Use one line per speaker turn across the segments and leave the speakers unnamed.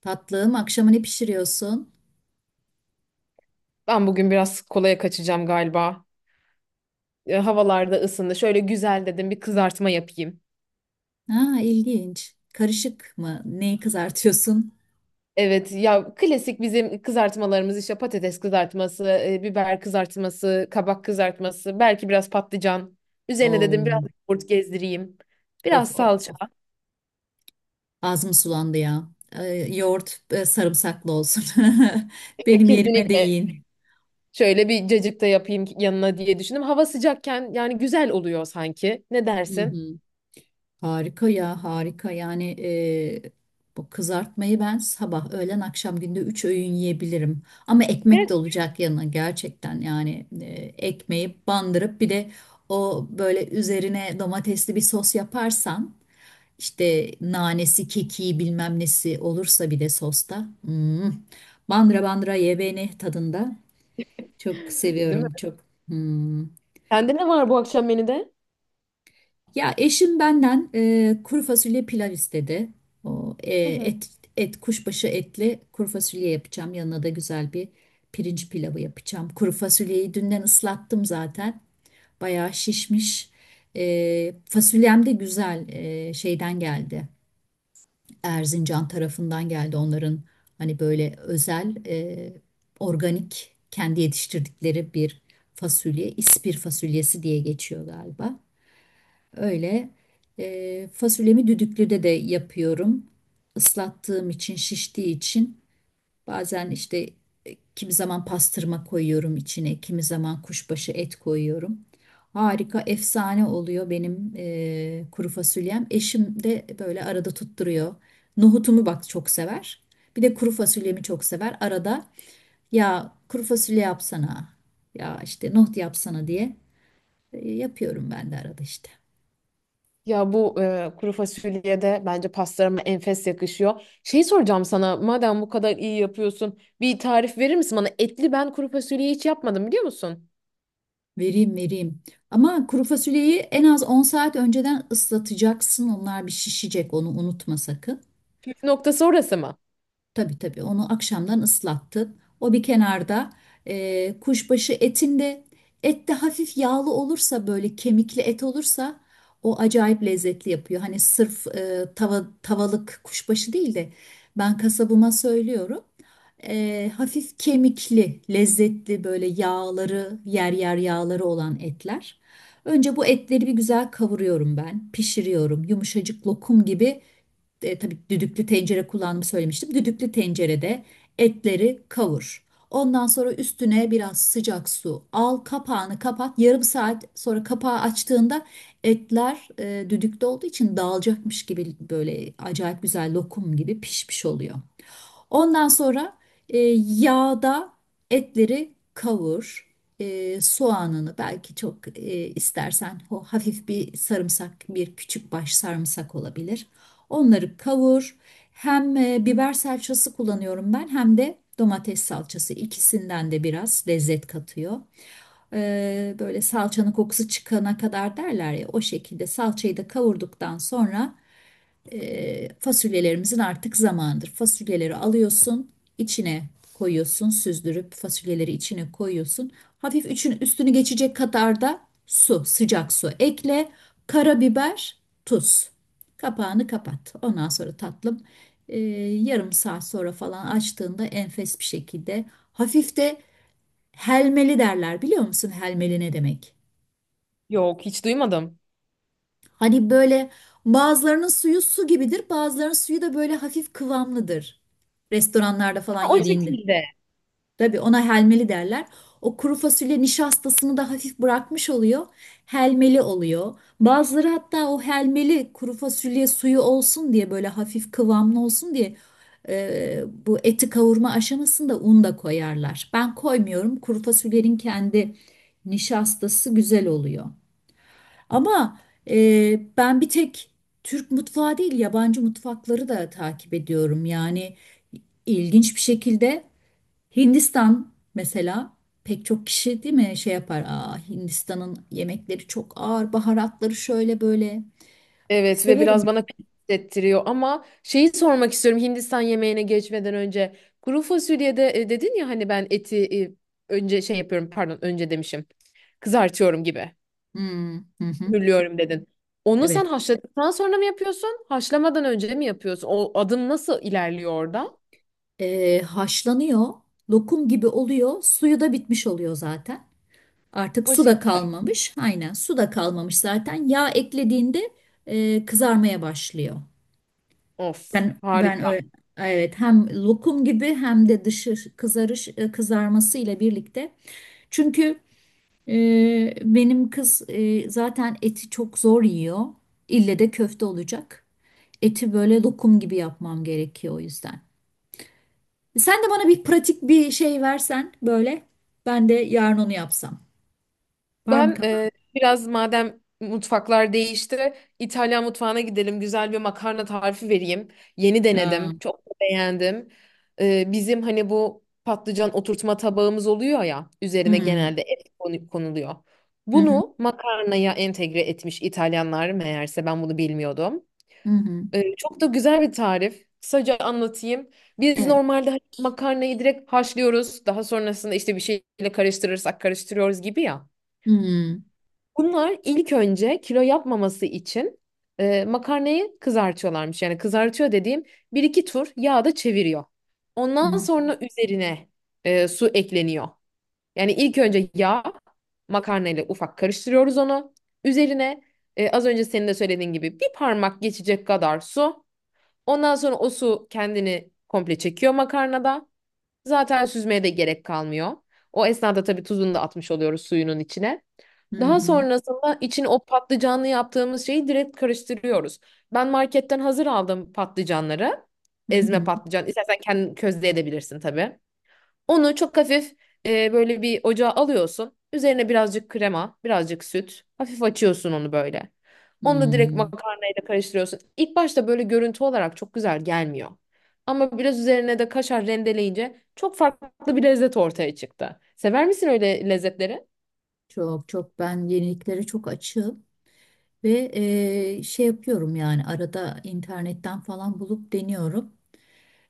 Tatlım, akşama ne pişiriyorsun?
Ben bugün biraz kolaya kaçacağım galiba. Havalarda ısındı. Şöyle güzel dedim bir kızartma yapayım.
Ha, ilginç. Karışık mı? Neyi kızartıyorsun?
Evet ya klasik bizim kızartmalarımız işte patates kızartması, biber kızartması, kabak kızartması, belki biraz patlıcan. Üzerine dedim biraz
Oo,
yoğurt gezdireyim.
of
Biraz
of
salça.
of. Ağzım sulandı ya. Yoğurt sarımsaklı olsun. Benim yerime
Kesinlikle
değin.
şöyle bir cacık da yapayım yanına diye düşündüm. Hava sıcakken yani güzel oluyor sanki. Ne
Hı
dersin?
hı. Harika ya, harika. Yani bu kızartmayı ben sabah, öğlen, akşam günde üç öğün yiyebilirim. Ama ekmek
Evet.
de olacak yanına gerçekten. Yani ekmeği bandırıp bir de o böyle üzerine domatesli bir sos yaparsan. İşte nanesi, kekiği bilmem nesi olursa bir de sosta. Hmm. Bandıra bandıra ye beni tadında. Çok
Değil mi?
seviyorum çok. Hmm.
Sende ne var bu akşam menüde?
Ya eşim benden kuru fasulye pilav istedi. O,
Hı hı.
et kuşbaşı etli kuru fasulye yapacağım. Yanına da güzel bir pirinç pilavı yapacağım. Kuru fasulyeyi dünden ıslattım zaten. Bayağı şişmiş. Fasulyem de güzel şeyden geldi. Erzincan tarafından geldi onların hani böyle özel organik kendi yetiştirdikleri bir fasulye ispir fasulyesi diye geçiyor galiba. Öyle fasulyemi düdüklüde de yapıyorum. Islattığım için şiştiği için bazen işte kimi zaman pastırma koyuyorum içine, kimi zaman kuşbaşı et koyuyorum. Harika, efsane oluyor benim kuru fasulyem. Eşim de böyle arada tutturuyor. Nohutumu bak çok sever. Bir de kuru fasulyemi çok sever. Arada ya kuru fasulye yapsana, ya işte nohut yapsana diye yapıyorum ben de arada işte.
Ya bu kuru fasulyeye de bence pastalarıma enfes yakışıyor. Şey soracağım sana, madem bu kadar iyi yapıyorsun, bir tarif verir misin bana? Etli ben kuru fasulyeyi hiç yapmadım biliyor musun?
Vereyim vereyim. Ama kuru fasulyeyi en az 10 saat önceden ıslatacaksın. Onlar bir şişecek, onu unutma sakın.
Püf noktası orası mı?
Tabii tabii onu akşamdan ıslattın. O bir kenarda, kuşbaşı etinde et de hafif yağlı olursa böyle kemikli et olursa o acayip lezzetli yapıyor. Hani sırf tava, tavalık kuşbaşı değil de ben kasabıma söylüyorum. Hafif kemikli, lezzetli böyle yağları yer yer yağları olan etler. Önce bu etleri bir güzel kavuruyorum ben, pişiriyorum. Yumuşacık lokum gibi. Tabii düdüklü tencere kullandığımı söylemiştim. Düdüklü tencerede etleri kavur. Ondan sonra üstüne biraz sıcak su al, kapağını kapat. Yarım saat sonra kapağı açtığında etler, düdükte olduğu için dağılacakmış gibi böyle acayip güzel lokum gibi pişmiş oluyor. Ondan sonra e, yağda etleri kavur. Soğanını belki çok istersen o hafif bir sarımsak, bir küçük baş sarımsak olabilir. Onları kavur. Hem biber salçası kullanıyorum ben hem de domates salçası. İkisinden de biraz lezzet katıyor. Böyle salçanın kokusu çıkana kadar derler ya, o şekilde salçayı da kavurduktan sonra fasulyelerimizin artık zamanıdır. Fasulyeleri alıyorsun, içine koyuyorsun, süzdürüp fasulyeleri içine koyuyorsun. Hafif üçün üstünü geçecek kadar da su, sıcak su ekle, karabiber, tuz. Kapağını kapat. Ondan sonra tatlım, e, yarım saat sonra falan açtığında enfes bir şekilde hafif de helmeli derler, biliyor musun helmeli ne demek?
Yok, hiç duymadım.
Hani böyle bazılarının suyu su gibidir, bazılarının suyu da böyle hafif kıvamlıdır. Restoranlarda falan
Ha, o
yediğinde.
şekilde.
Tabii ona helmeli derler. O kuru fasulye nişastasını da hafif bırakmış oluyor. Helmeli oluyor. Bazıları hatta o helmeli kuru fasulye suyu olsun diye, böyle hafif kıvamlı olsun diye bu eti kavurma aşamasında un da koyarlar. Ben koymuyorum. Kuru fasulyenin kendi nişastası güzel oluyor. Ama ben bir tek Türk mutfağı değil, yabancı mutfakları da takip ediyorum. Yani ilginç bir şekilde Hindistan mesela, pek çok kişi değil mi şey yapar. Aa, Hindistan'ın yemekleri çok ağır, baharatları şöyle böyle.
Evet ve biraz
Severim.
bana pis hissettiriyor ama şeyi sormak istiyorum Hindistan yemeğine geçmeden önce. Kuru fasulyede dedin ya hani ben eti e, önce şey yapıyorum pardon önce demişim. Kızartıyorum gibi.
Hmm, hı hı,
Hürlüyorum dedin. Onu sen
evet.
haşladıktan sonra mı yapıyorsun? Haşlamadan önce mi yapıyorsun? O adım nasıl ilerliyor orada?
Haşlanıyor, lokum gibi oluyor, suyu da bitmiş oluyor zaten. Artık
O
su da
şekilde.
kalmamış, aynen su da kalmamış zaten. Yağ eklediğinde kızarmaya başlıyor.
Of
Ben
harika.
öyle evet, hem lokum gibi hem de dışı kızarış kızarması ile birlikte. Çünkü benim kız, zaten eti çok zor yiyor. İlle de köfte olacak. Eti böyle lokum gibi yapmam gerekiyor o yüzden. Sen de bana bir pratik bir şey versen böyle, ben de yarın onu yapsam. Var mı
Ben
kafanda?
biraz madem mutfaklar değişti, İtalyan mutfağına gidelim. Güzel bir makarna tarifi vereyim. Yeni
Aa,
denedim. Çok da beğendim. Bizim hani bu patlıcan oturtma tabağımız oluyor ya, üzerine
hmm,
genelde konuluyor.
hı hı.
Bunu makarnaya entegre etmiş İtalyanlar meğerse ben bunu bilmiyordum.
Hı hı.
Çok da güzel bir tarif. Kısaca anlatayım. Biz
Evet.
normalde hani makarnayı direkt haşlıyoruz. Daha sonrasında işte bir şeyle karıştırırsak karıştırıyoruz gibi ya.
Hmm,
Bunlar ilk önce kilo yapmaması için makarnayı kızartıyorlarmış. Yani kızartıyor dediğim bir iki tur yağda çeviriyor. Ondan
hı
sonra üzerine su ekleniyor. Yani ilk önce yağ makarnayla ufak karıştırıyoruz onu. Üzerine az önce senin de söylediğin gibi bir parmak geçecek kadar su. Ondan sonra o su kendini komple çekiyor makarnada. Zaten süzmeye de gerek kalmıyor. O esnada tabii tuzunu da atmış oluyoruz suyunun içine.
hı,
Daha
hı hı,
sonrasında için o patlıcanlı yaptığımız şeyi direkt karıştırıyoruz. Ben marketten hazır aldım patlıcanları.
hı
Ezme
hı,
patlıcan. İstersen kendin közleyebilirsin tabii. Onu çok hafif böyle bir ocağa alıyorsun. Üzerine birazcık krema, birazcık süt. Hafif açıyorsun onu böyle. Onu da direkt
hı.
makarnayla karıştırıyorsun. İlk başta böyle görüntü olarak çok güzel gelmiyor. Ama biraz üzerine de kaşar rendeleyince çok farklı bir lezzet ortaya çıktı. Sever misin öyle lezzetleri?
Çok, çok ben yeniliklere çok açığım ve şey yapıyorum yani arada internetten falan bulup deniyorum.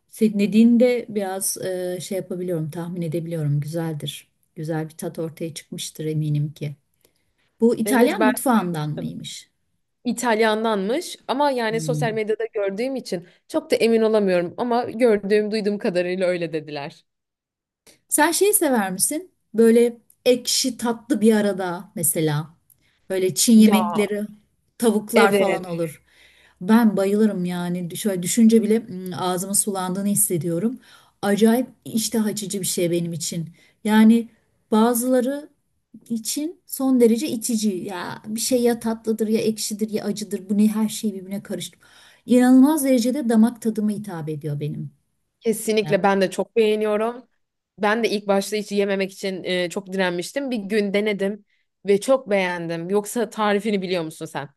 Senin dediğinde biraz şey yapabiliyorum, tahmin edebiliyorum güzeldir. Güzel bir tat ortaya çıkmıştır eminim ki. Bu
Evet
İtalyan
ben
mutfağından mıymış?
İtalyandanmış ama yani sosyal
Hmm.
medyada gördüğüm için çok da emin olamıyorum ama gördüğüm duyduğum kadarıyla öyle dediler.
Sen şeyi sever misin? Böyle ekşi tatlı bir arada mesela. Böyle Çin
Ya
yemekleri, tavuklar falan
evet.
olur. Ben bayılırım yani. Şöyle düşünce bile ağzımın sulandığını hissediyorum. Acayip iştah açıcı bir şey benim için. Yani bazıları için son derece itici. Ya bir şey ya tatlıdır ya ekşidir ya acıdır. Bu ne, her şey birbirine karıştı. İnanılmaz derecede damak tadıma hitap ediyor benim.
Kesinlikle ben de çok beğeniyorum. Ben de ilk başta hiç yememek için çok direnmiştim. Bir gün denedim ve çok beğendim. Yoksa tarifini biliyor musun sen?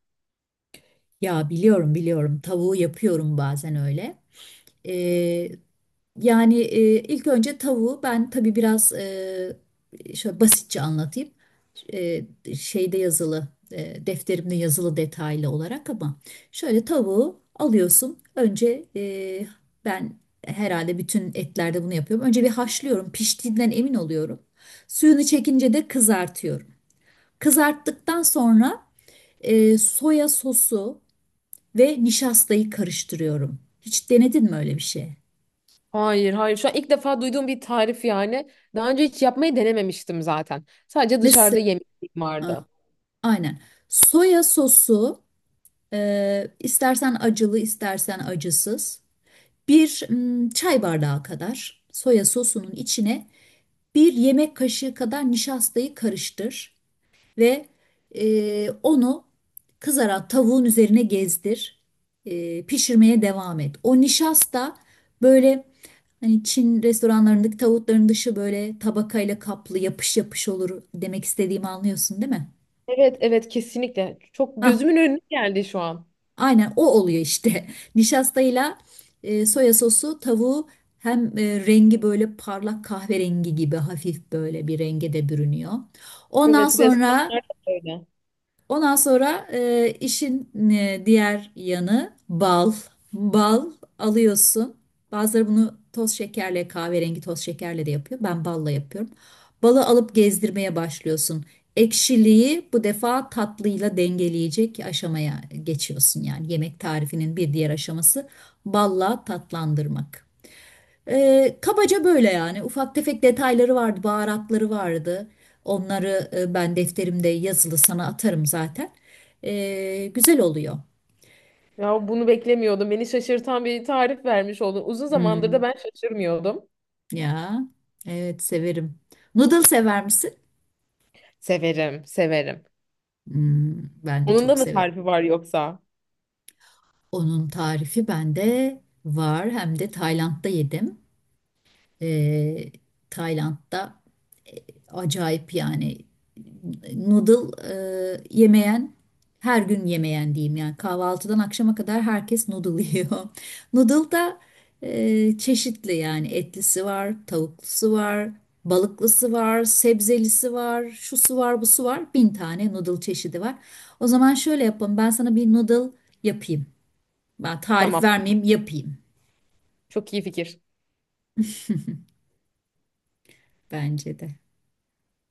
Ya biliyorum biliyorum, tavuğu yapıyorum bazen öyle. Ee, yani ilk önce tavuğu ben tabii biraz şöyle basitçe anlatayım. Ee, şeyde yazılı, defterimde yazılı detaylı olarak, ama şöyle tavuğu alıyorsun. Önce ben herhalde bütün etlerde bunu yapıyorum. Önce bir haşlıyorum, piştiğinden emin oluyorum. Suyunu çekince de kızartıyorum. Kızarttıktan sonra soya sosu ve nişastayı karıştırıyorum. Hiç denedin mi öyle bir şey?
Hayır, hayır. Şu an ilk defa duyduğum bir tarif yani. Daha önce hiç yapmayı denememiştim zaten. Sadece dışarıda
Mesela
yemek
ha,
vardı.
aynen. Soya sosu, istersen acılı istersen acısız. Bir çay bardağı kadar soya sosunun içine bir yemek kaşığı kadar nişastayı karıştır. Ve onu kızaran tavuğun üzerine gezdir. Pişirmeye devam et. O nişasta böyle, hani Çin restoranlarındaki tavukların dışı böyle tabakayla kaplı yapış yapış olur, demek istediğimi anlıyorsun değil mi?
Evet, evet kesinlikle. Çok
Ah,
gözümün önüne geldi şu an.
aynen o oluyor işte. Nişastayla soya sosu tavuğu hem rengi böyle parlak kahverengi gibi hafif böyle bir renge de bürünüyor. Ondan
Evet,
sonra
ressamlar da öyle.
ondan sonra işin diğer yanı bal. Bal alıyorsun. Bazıları bunu toz şekerle, kahverengi toz şekerle de yapıyor. Ben balla yapıyorum. Balı alıp gezdirmeye başlıyorsun. Ekşiliği bu defa tatlıyla dengeleyecek aşamaya geçiyorsun yani. Yemek tarifinin bir diğer aşaması balla tatlandırmak. Kabaca böyle yani, ufak tefek detayları vardı, baharatları vardı. Onları ben defterimde yazılı, sana atarım zaten. Güzel oluyor.
Ya bunu beklemiyordum. Beni şaşırtan bir tarif vermiş oldun. Uzun zamandır da
Hmm,
ben şaşırmıyordum.
ya, evet severim. Noodle sever misin?
Severim, severim.
Hmm, ben de
Onun da
çok
mı
severim.
tarifi var yoksa?
Onun tarifi bende var. Hem de Tayland'da yedim. e, Tayland'da E, acayip yani, noodle yemeyen, her gün yemeyen diyeyim yani, kahvaltıdan akşama kadar herkes noodle yiyor. Noodle da çeşitli yani, etlisi var, tavuklusu var, balıklısı var, sebzelisi var, şusu var, busu var. Bin tane noodle çeşidi var. O zaman şöyle yapalım. Ben sana bir noodle yapayım. Ben tarif
Tamam.
vermeyeyim, yapayım,
Çok iyi fikir.
bence de.